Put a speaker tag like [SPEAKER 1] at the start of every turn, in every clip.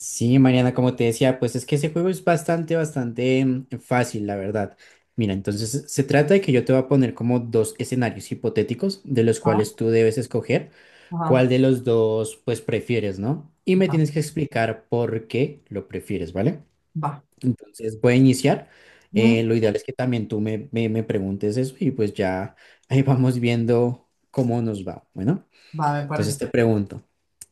[SPEAKER 1] Sí, Mariana, como te decía, pues es que ese juego es bastante, bastante fácil, la verdad. Mira, entonces se trata de que yo te voy a poner como dos escenarios hipotéticos de los
[SPEAKER 2] Ah,
[SPEAKER 1] cuales tú debes escoger
[SPEAKER 2] ajá,
[SPEAKER 1] cuál de los dos pues prefieres, ¿no? Y me
[SPEAKER 2] ajá,
[SPEAKER 1] tienes que explicar por qué lo prefieres, ¿vale?
[SPEAKER 2] va.
[SPEAKER 1] Entonces voy a iniciar. Eh,
[SPEAKER 2] Mm.
[SPEAKER 1] lo ideal es que también tú me preguntes eso y pues ya ahí vamos viendo cómo nos va. Bueno.
[SPEAKER 2] Va, me
[SPEAKER 1] Entonces
[SPEAKER 2] parece.
[SPEAKER 1] te pregunto,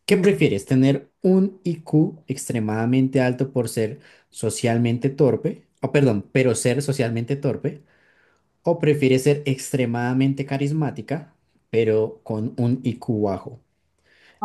[SPEAKER 1] ¿qué
[SPEAKER 2] Mm.
[SPEAKER 1] prefieres? ¿Tener un IQ extremadamente alto por ser socialmente torpe? O perdón, pero ser socialmente torpe. ¿O prefieres ser extremadamente carismática, pero con un IQ bajo?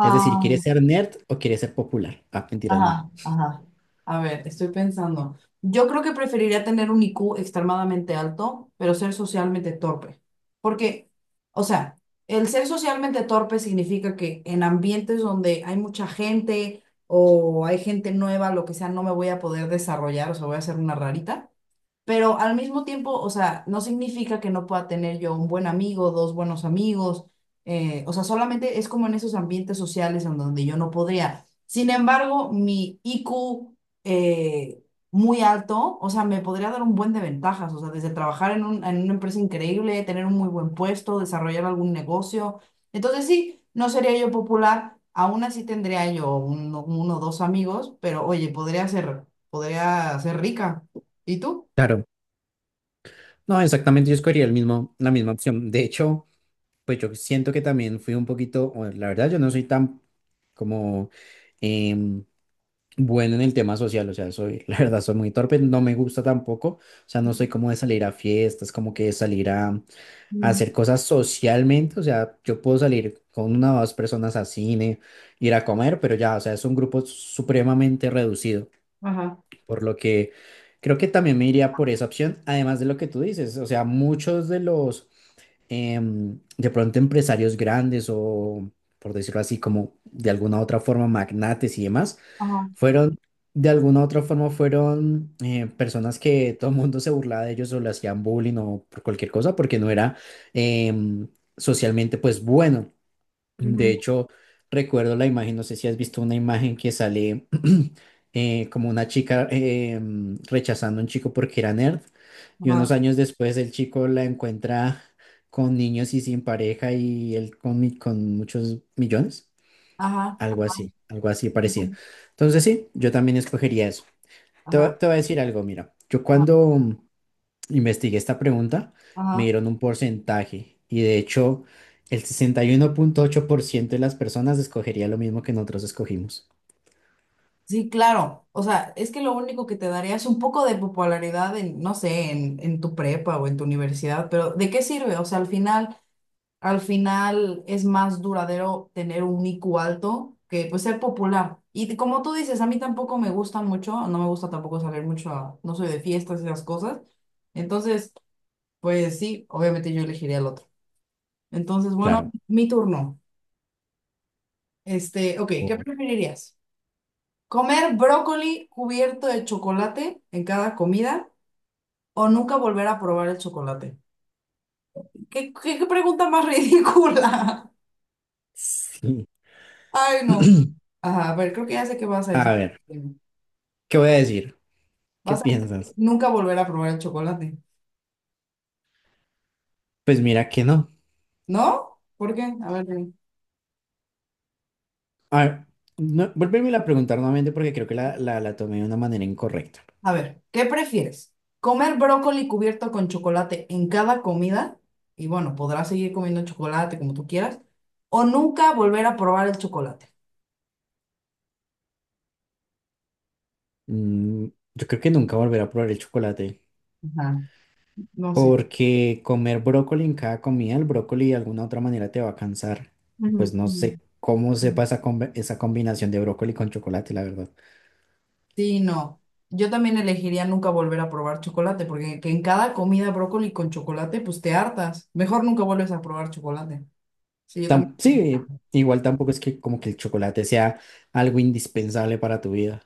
[SPEAKER 1] Es decir, ¿quieres ser nerd o quieres ser popular? Ah, mentiras, no.
[SPEAKER 2] ajá, ajá. A ver, estoy pensando. Yo creo que preferiría tener un IQ extremadamente alto, pero ser socialmente torpe. Porque, o sea, el ser socialmente torpe significa que en ambientes donde hay mucha gente o hay gente nueva, lo que sea, no me voy a poder desarrollar, o sea, voy a ser una rarita. Pero al mismo tiempo, o sea, no significa que no pueda tener yo un buen amigo, dos buenos amigos, o sea, solamente es como en esos ambientes sociales en donde yo no podría. Sin embargo, mi IQ eh, muy alto, o sea, me podría dar un buen de ventajas, o sea, desde trabajar en en una empresa increíble, tener un muy buen puesto, desarrollar algún negocio. Entonces sí, no sería yo popular, aún así tendría yo uno o dos amigos, pero oye, podría ser rica. ¿Y tú?
[SPEAKER 1] Claro. No, exactamente, yo escogería el mismo, la misma opción. De hecho, pues yo siento que también fui un poquito, o la verdad, yo no soy tan como em, bueno en el tema social, o sea, soy, la verdad, soy muy torpe, no me gusta tampoco, o sea, no soy como de salir a fiestas, como que de salir a
[SPEAKER 2] Mm.
[SPEAKER 1] hacer cosas socialmente, o sea, yo puedo salir con una o dos personas a cine, ir a comer, pero ya, o sea, es un grupo supremamente reducido,
[SPEAKER 2] Ajá,
[SPEAKER 1] por lo que creo que también me iría por esa opción, además de lo que tú dices, o sea, muchos de los de pronto empresarios grandes o, por decirlo así, como de alguna otra forma, magnates y demás,
[SPEAKER 2] ajá,
[SPEAKER 1] fueron, de alguna otra forma, fueron personas que todo el mundo se burlaba de ellos o le hacían bullying o por cualquier cosa porque no era em, socialmente, pues bueno. De
[SPEAKER 2] ujú,
[SPEAKER 1] hecho, recuerdo la imagen, no sé si has visto una imagen que sale como una chica rechazando a un chico porque era nerd y unos
[SPEAKER 2] ajá,
[SPEAKER 1] años después el chico la encuentra con niños y sin pareja y él con muchos millones,
[SPEAKER 2] ajá,
[SPEAKER 1] algo así parecido.
[SPEAKER 2] ujú,
[SPEAKER 1] Entonces sí, yo también escogería eso. Te, voy
[SPEAKER 2] ajá,
[SPEAKER 1] te voy a decir algo, mira, yo
[SPEAKER 2] ajá,
[SPEAKER 1] cuando investigué esta pregunta, me
[SPEAKER 2] ajá.
[SPEAKER 1] dieron un porcentaje y de hecho el 61,8% de las personas escogería lo mismo que nosotros escogimos.
[SPEAKER 2] Sí, claro. O sea, es que lo único que te daría es un poco de popularidad en, no sé, en tu prepa o en tu universidad, pero ¿de qué sirve? O sea, al final es más duradero tener un IQ alto que pues ser popular. Y como tú dices, a mí tampoco me gusta mucho, no me gusta tampoco salir mucho. No soy de fiestas y esas cosas. Entonces, pues sí, obviamente yo elegiría el otro. Entonces, bueno,
[SPEAKER 1] Claro.
[SPEAKER 2] mi turno. Este, ok, ¿qué
[SPEAKER 1] por-
[SPEAKER 2] preferirías? ¿Comer brócoli cubierto de chocolate en cada comida o nunca volver a probar el chocolate? ¿Qué pregunta más ridícula?
[SPEAKER 1] Sí.
[SPEAKER 2] Ay, no. Ajá, a ver, creo que ya sé qué vas a
[SPEAKER 1] A
[SPEAKER 2] decir.
[SPEAKER 1] ver, ¿qué voy a decir? ¿Qué
[SPEAKER 2] Vas a decir que
[SPEAKER 1] piensas?
[SPEAKER 2] nunca volver a probar el chocolate.
[SPEAKER 1] Pues mira que no.
[SPEAKER 2] ¿No? ¿Por qué? A ver, dime.
[SPEAKER 1] A ver, no, vuélvemela a preguntar nuevamente porque creo que la tomé de una manera incorrecta.
[SPEAKER 2] A ver, ¿qué prefieres? ¿Comer brócoli cubierto con chocolate en cada comida? Y bueno, podrás seguir comiendo chocolate como tú quieras. ¿O nunca volver a probar el chocolate?
[SPEAKER 1] Mm, yo creo que nunca volveré a probar el chocolate.
[SPEAKER 2] Ajá. No sé.
[SPEAKER 1] Porque comer brócoli en cada comida, el brócoli de alguna otra manera te va a cansar. Y
[SPEAKER 2] Ujú,
[SPEAKER 1] pues no
[SPEAKER 2] ujú,
[SPEAKER 1] sé cómo
[SPEAKER 2] ujú.
[SPEAKER 1] sepa esa combinación de brócoli con chocolate, la verdad.
[SPEAKER 2] Sí, no. Yo también elegiría nunca volver a probar chocolate, porque que en cada comida brócoli con chocolate, pues te hartas. Mejor nunca vuelves a probar chocolate. Sí, yo también.
[SPEAKER 1] Sí, igual tampoco es que como que el chocolate sea algo indispensable para tu vida.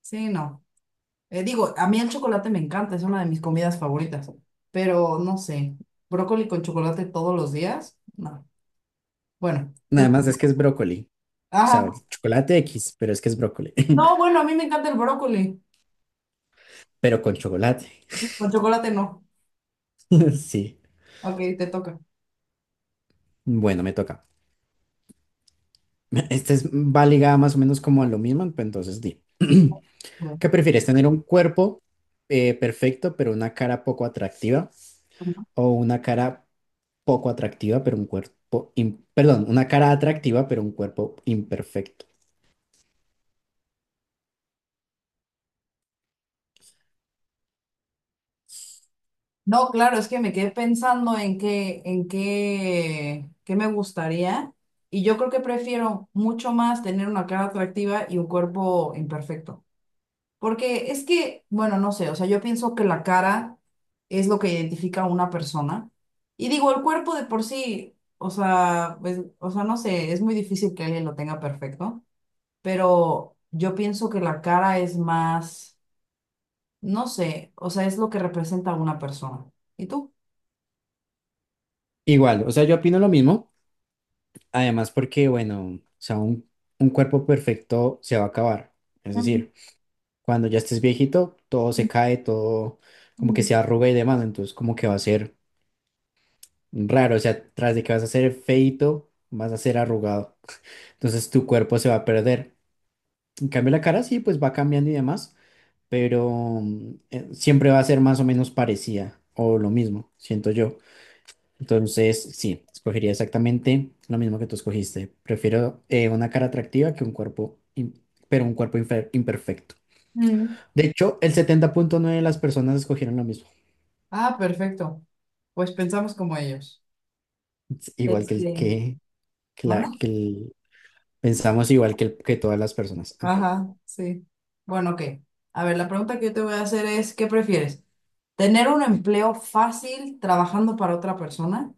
[SPEAKER 2] Sí, no. Digo, a mí el chocolate me encanta, es una de mis comidas favoritas, pero no sé, brócoli con chocolate todos los días, no. Bueno, tú.
[SPEAKER 1] Nada más es que es brócoli. O sea,
[SPEAKER 2] Ajá.
[SPEAKER 1] chocolate X, pero es que es brócoli.
[SPEAKER 2] No, bueno, a mí me encanta el brócoli.
[SPEAKER 1] Pero con chocolate.
[SPEAKER 2] Sí, con chocolate no.
[SPEAKER 1] Sí.
[SPEAKER 2] Ok, te toca.
[SPEAKER 1] Bueno, me toca. Va ligada más o menos como a lo mismo, pues entonces di.
[SPEAKER 2] Bueno.
[SPEAKER 1] ¿Qué prefieres? ¿Tener un cuerpo perfecto pero una cara poco atractiva? ¿O una cara poco atractiva pero un cuerpo, perdón, una cara atractiva pero un cuerpo imperfecto?
[SPEAKER 2] No, claro, es que me quedé pensando en qué me gustaría. Y yo creo que prefiero mucho más tener una cara atractiva y un cuerpo imperfecto. Porque es que, bueno, no sé, o sea, yo pienso que la cara es lo que identifica a una persona. Y digo, el cuerpo de por sí, o sea, pues, o sea, no sé, es muy difícil que alguien lo tenga perfecto. Pero yo pienso que la cara es más, no sé, o sea, es lo que representa a una persona. ¿Y tú?
[SPEAKER 1] Igual, o sea, yo opino lo mismo. Además porque, bueno, o sea, un, cuerpo perfecto se va a acabar. Es decir, cuando ya estés viejito, todo se cae, todo como que se arruga y demás. Entonces como que va a ser raro. O sea, tras de que vas a ser feito, vas a ser arrugado. Entonces tu cuerpo se va a perder. En cambio, la cara sí, pues va cambiando y demás, pero siempre va a ser más o menos parecida o lo mismo, siento yo. Entonces, sí, escogería exactamente lo mismo que tú escogiste. Prefiero una cara atractiva que un cuerpo, pero un cuerpo imperfecto.
[SPEAKER 2] Mm.
[SPEAKER 1] De hecho, el 70,9 de las personas escogieron lo mismo.
[SPEAKER 2] Ah, perfecto. Pues pensamos como ellos.
[SPEAKER 1] Es igual que el
[SPEAKER 2] Este,
[SPEAKER 1] que la-
[SPEAKER 2] ¿manda?
[SPEAKER 1] que el- pensamos igual que todas las personas. Ah.
[SPEAKER 2] Ajá, sí. Bueno, ok. A ver, la pregunta que yo te voy a hacer es, ¿qué prefieres? ¿Tener un empleo fácil trabajando para otra persona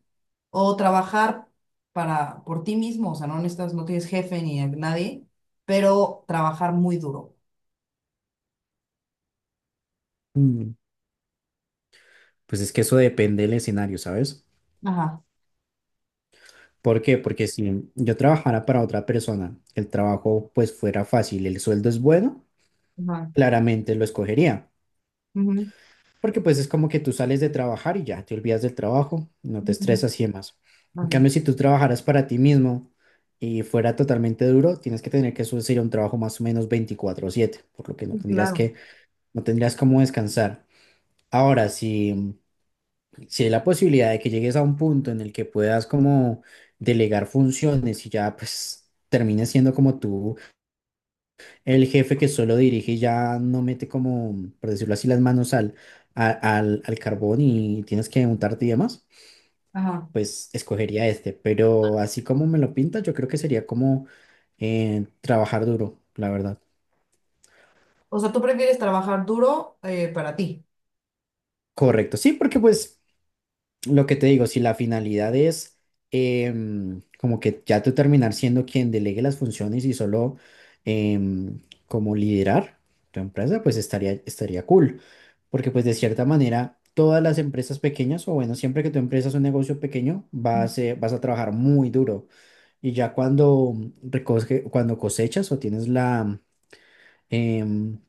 [SPEAKER 2] o trabajar para por ti mismo? O sea, no necesitas, no tienes jefe ni a nadie, pero trabajar muy duro.
[SPEAKER 1] mm, Pues es que eso depende del escenario, ¿sabes?
[SPEAKER 2] Ajá,
[SPEAKER 1] ¿Por qué? Porque si yo trabajara para otra persona, el trabajo pues fuera fácil, el sueldo es bueno,
[SPEAKER 2] ajá.
[SPEAKER 1] claramente lo escogería.
[SPEAKER 2] Ujú.
[SPEAKER 1] Porque pues es como que tú sales de trabajar y ya te olvidas del trabajo, no te
[SPEAKER 2] Mm.
[SPEAKER 1] estresas y demás. En
[SPEAKER 2] Ajá.
[SPEAKER 1] cambio, si tú trabajaras para ti mismo y fuera totalmente duro, tienes que tener que subir un trabajo más o menos 24/7, por lo
[SPEAKER 2] Sí, claro.
[SPEAKER 1] que, no tendrías cómo descansar. Ahora, si hay la posibilidad de que llegues a un punto en el que puedas como delegar funciones y ya pues termines siendo como tú el jefe que solo dirige y ya no mete como, por decirlo así, las manos a- al carbón y tienes que untarte y demás,
[SPEAKER 2] Ajá.
[SPEAKER 1] pues escogería este. Pero así como me lo pinta, yo creo que sería como trabajar duro, la verdad.
[SPEAKER 2] O sea, tú prefieres trabajar duro para ti.
[SPEAKER 1] Correcto, sí, porque pues lo que te digo, si la finalidad es como que ya tú terminar siendo quien delegue las funciones y solo em, como liderar tu empresa, pues estaría cool. Porque pues de cierta manera, todas las empresas pequeñas, o bueno, siempre que tu empresa es un negocio pequeño, vas a trabajar muy duro. Y ya cuando cuando cosechas o em,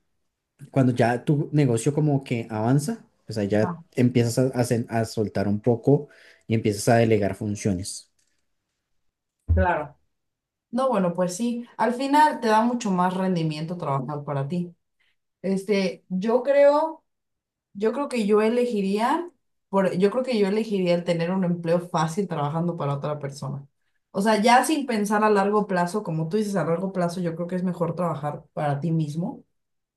[SPEAKER 1] cuando ya tu negocio como que avanza, pues ahí ya
[SPEAKER 2] Ajá.
[SPEAKER 1] empiezas a soltar un poco y empiezas a delegar funciones.
[SPEAKER 2] Claro. No, bueno, pues sí, al final te da mucho más rendimiento trabajar para ti. Este, yo creo que yo elegiría, yo creo que yo elegiría el tener un empleo fácil trabajando para otra persona. O sea, ya sin pensar a largo plazo, como tú dices, a largo plazo, yo creo que es mejor trabajar para ti mismo.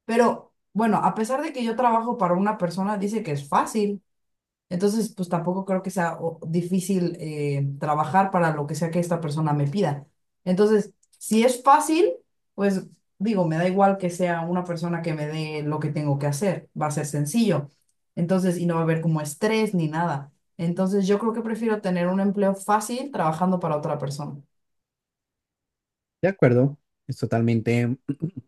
[SPEAKER 2] Pero bueno, a pesar de que yo trabajo para una persona, dice que es fácil. Entonces, pues tampoco creo que sea difícil trabajar para lo que sea que esta persona me pida. Entonces, si es fácil, pues digo, me da igual que sea una persona que me dé lo que tengo que hacer, va a ser sencillo. Entonces, y no va a haber como estrés ni nada. Entonces, yo creo que prefiero tener un empleo fácil trabajando para otra persona.
[SPEAKER 1] De acuerdo, es totalmente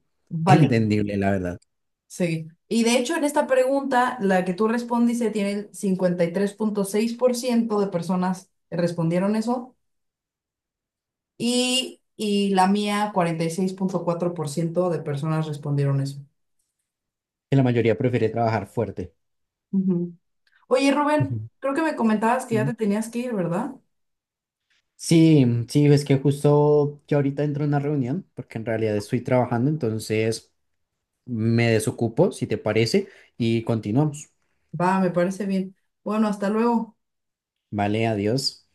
[SPEAKER 2] Vale,
[SPEAKER 1] entendible, la verdad,
[SPEAKER 2] sí. Y de hecho, en esta pregunta, la que tú respondiste tiene el 53.6% de personas respondieron eso. Y la mía, 46.4% de personas respondieron eso.
[SPEAKER 1] que la mayoría prefiere trabajar fuerte.
[SPEAKER 2] Ujú. Oye, Rubén,
[SPEAKER 1] Ujú.
[SPEAKER 2] creo que me comentabas que ya
[SPEAKER 1] Mm.
[SPEAKER 2] te tenías que ir, ¿verdad?
[SPEAKER 1] Sí, sí, es que justo yo ahorita entro en una reunión, porque en realidad estoy trabajando, entonces me desocupo, si te parece, y continuamos.
[SPEAKER 2] Va, me parece bien. Bueno, hasta luego.
[SPEAKER 1] Vale, adiós.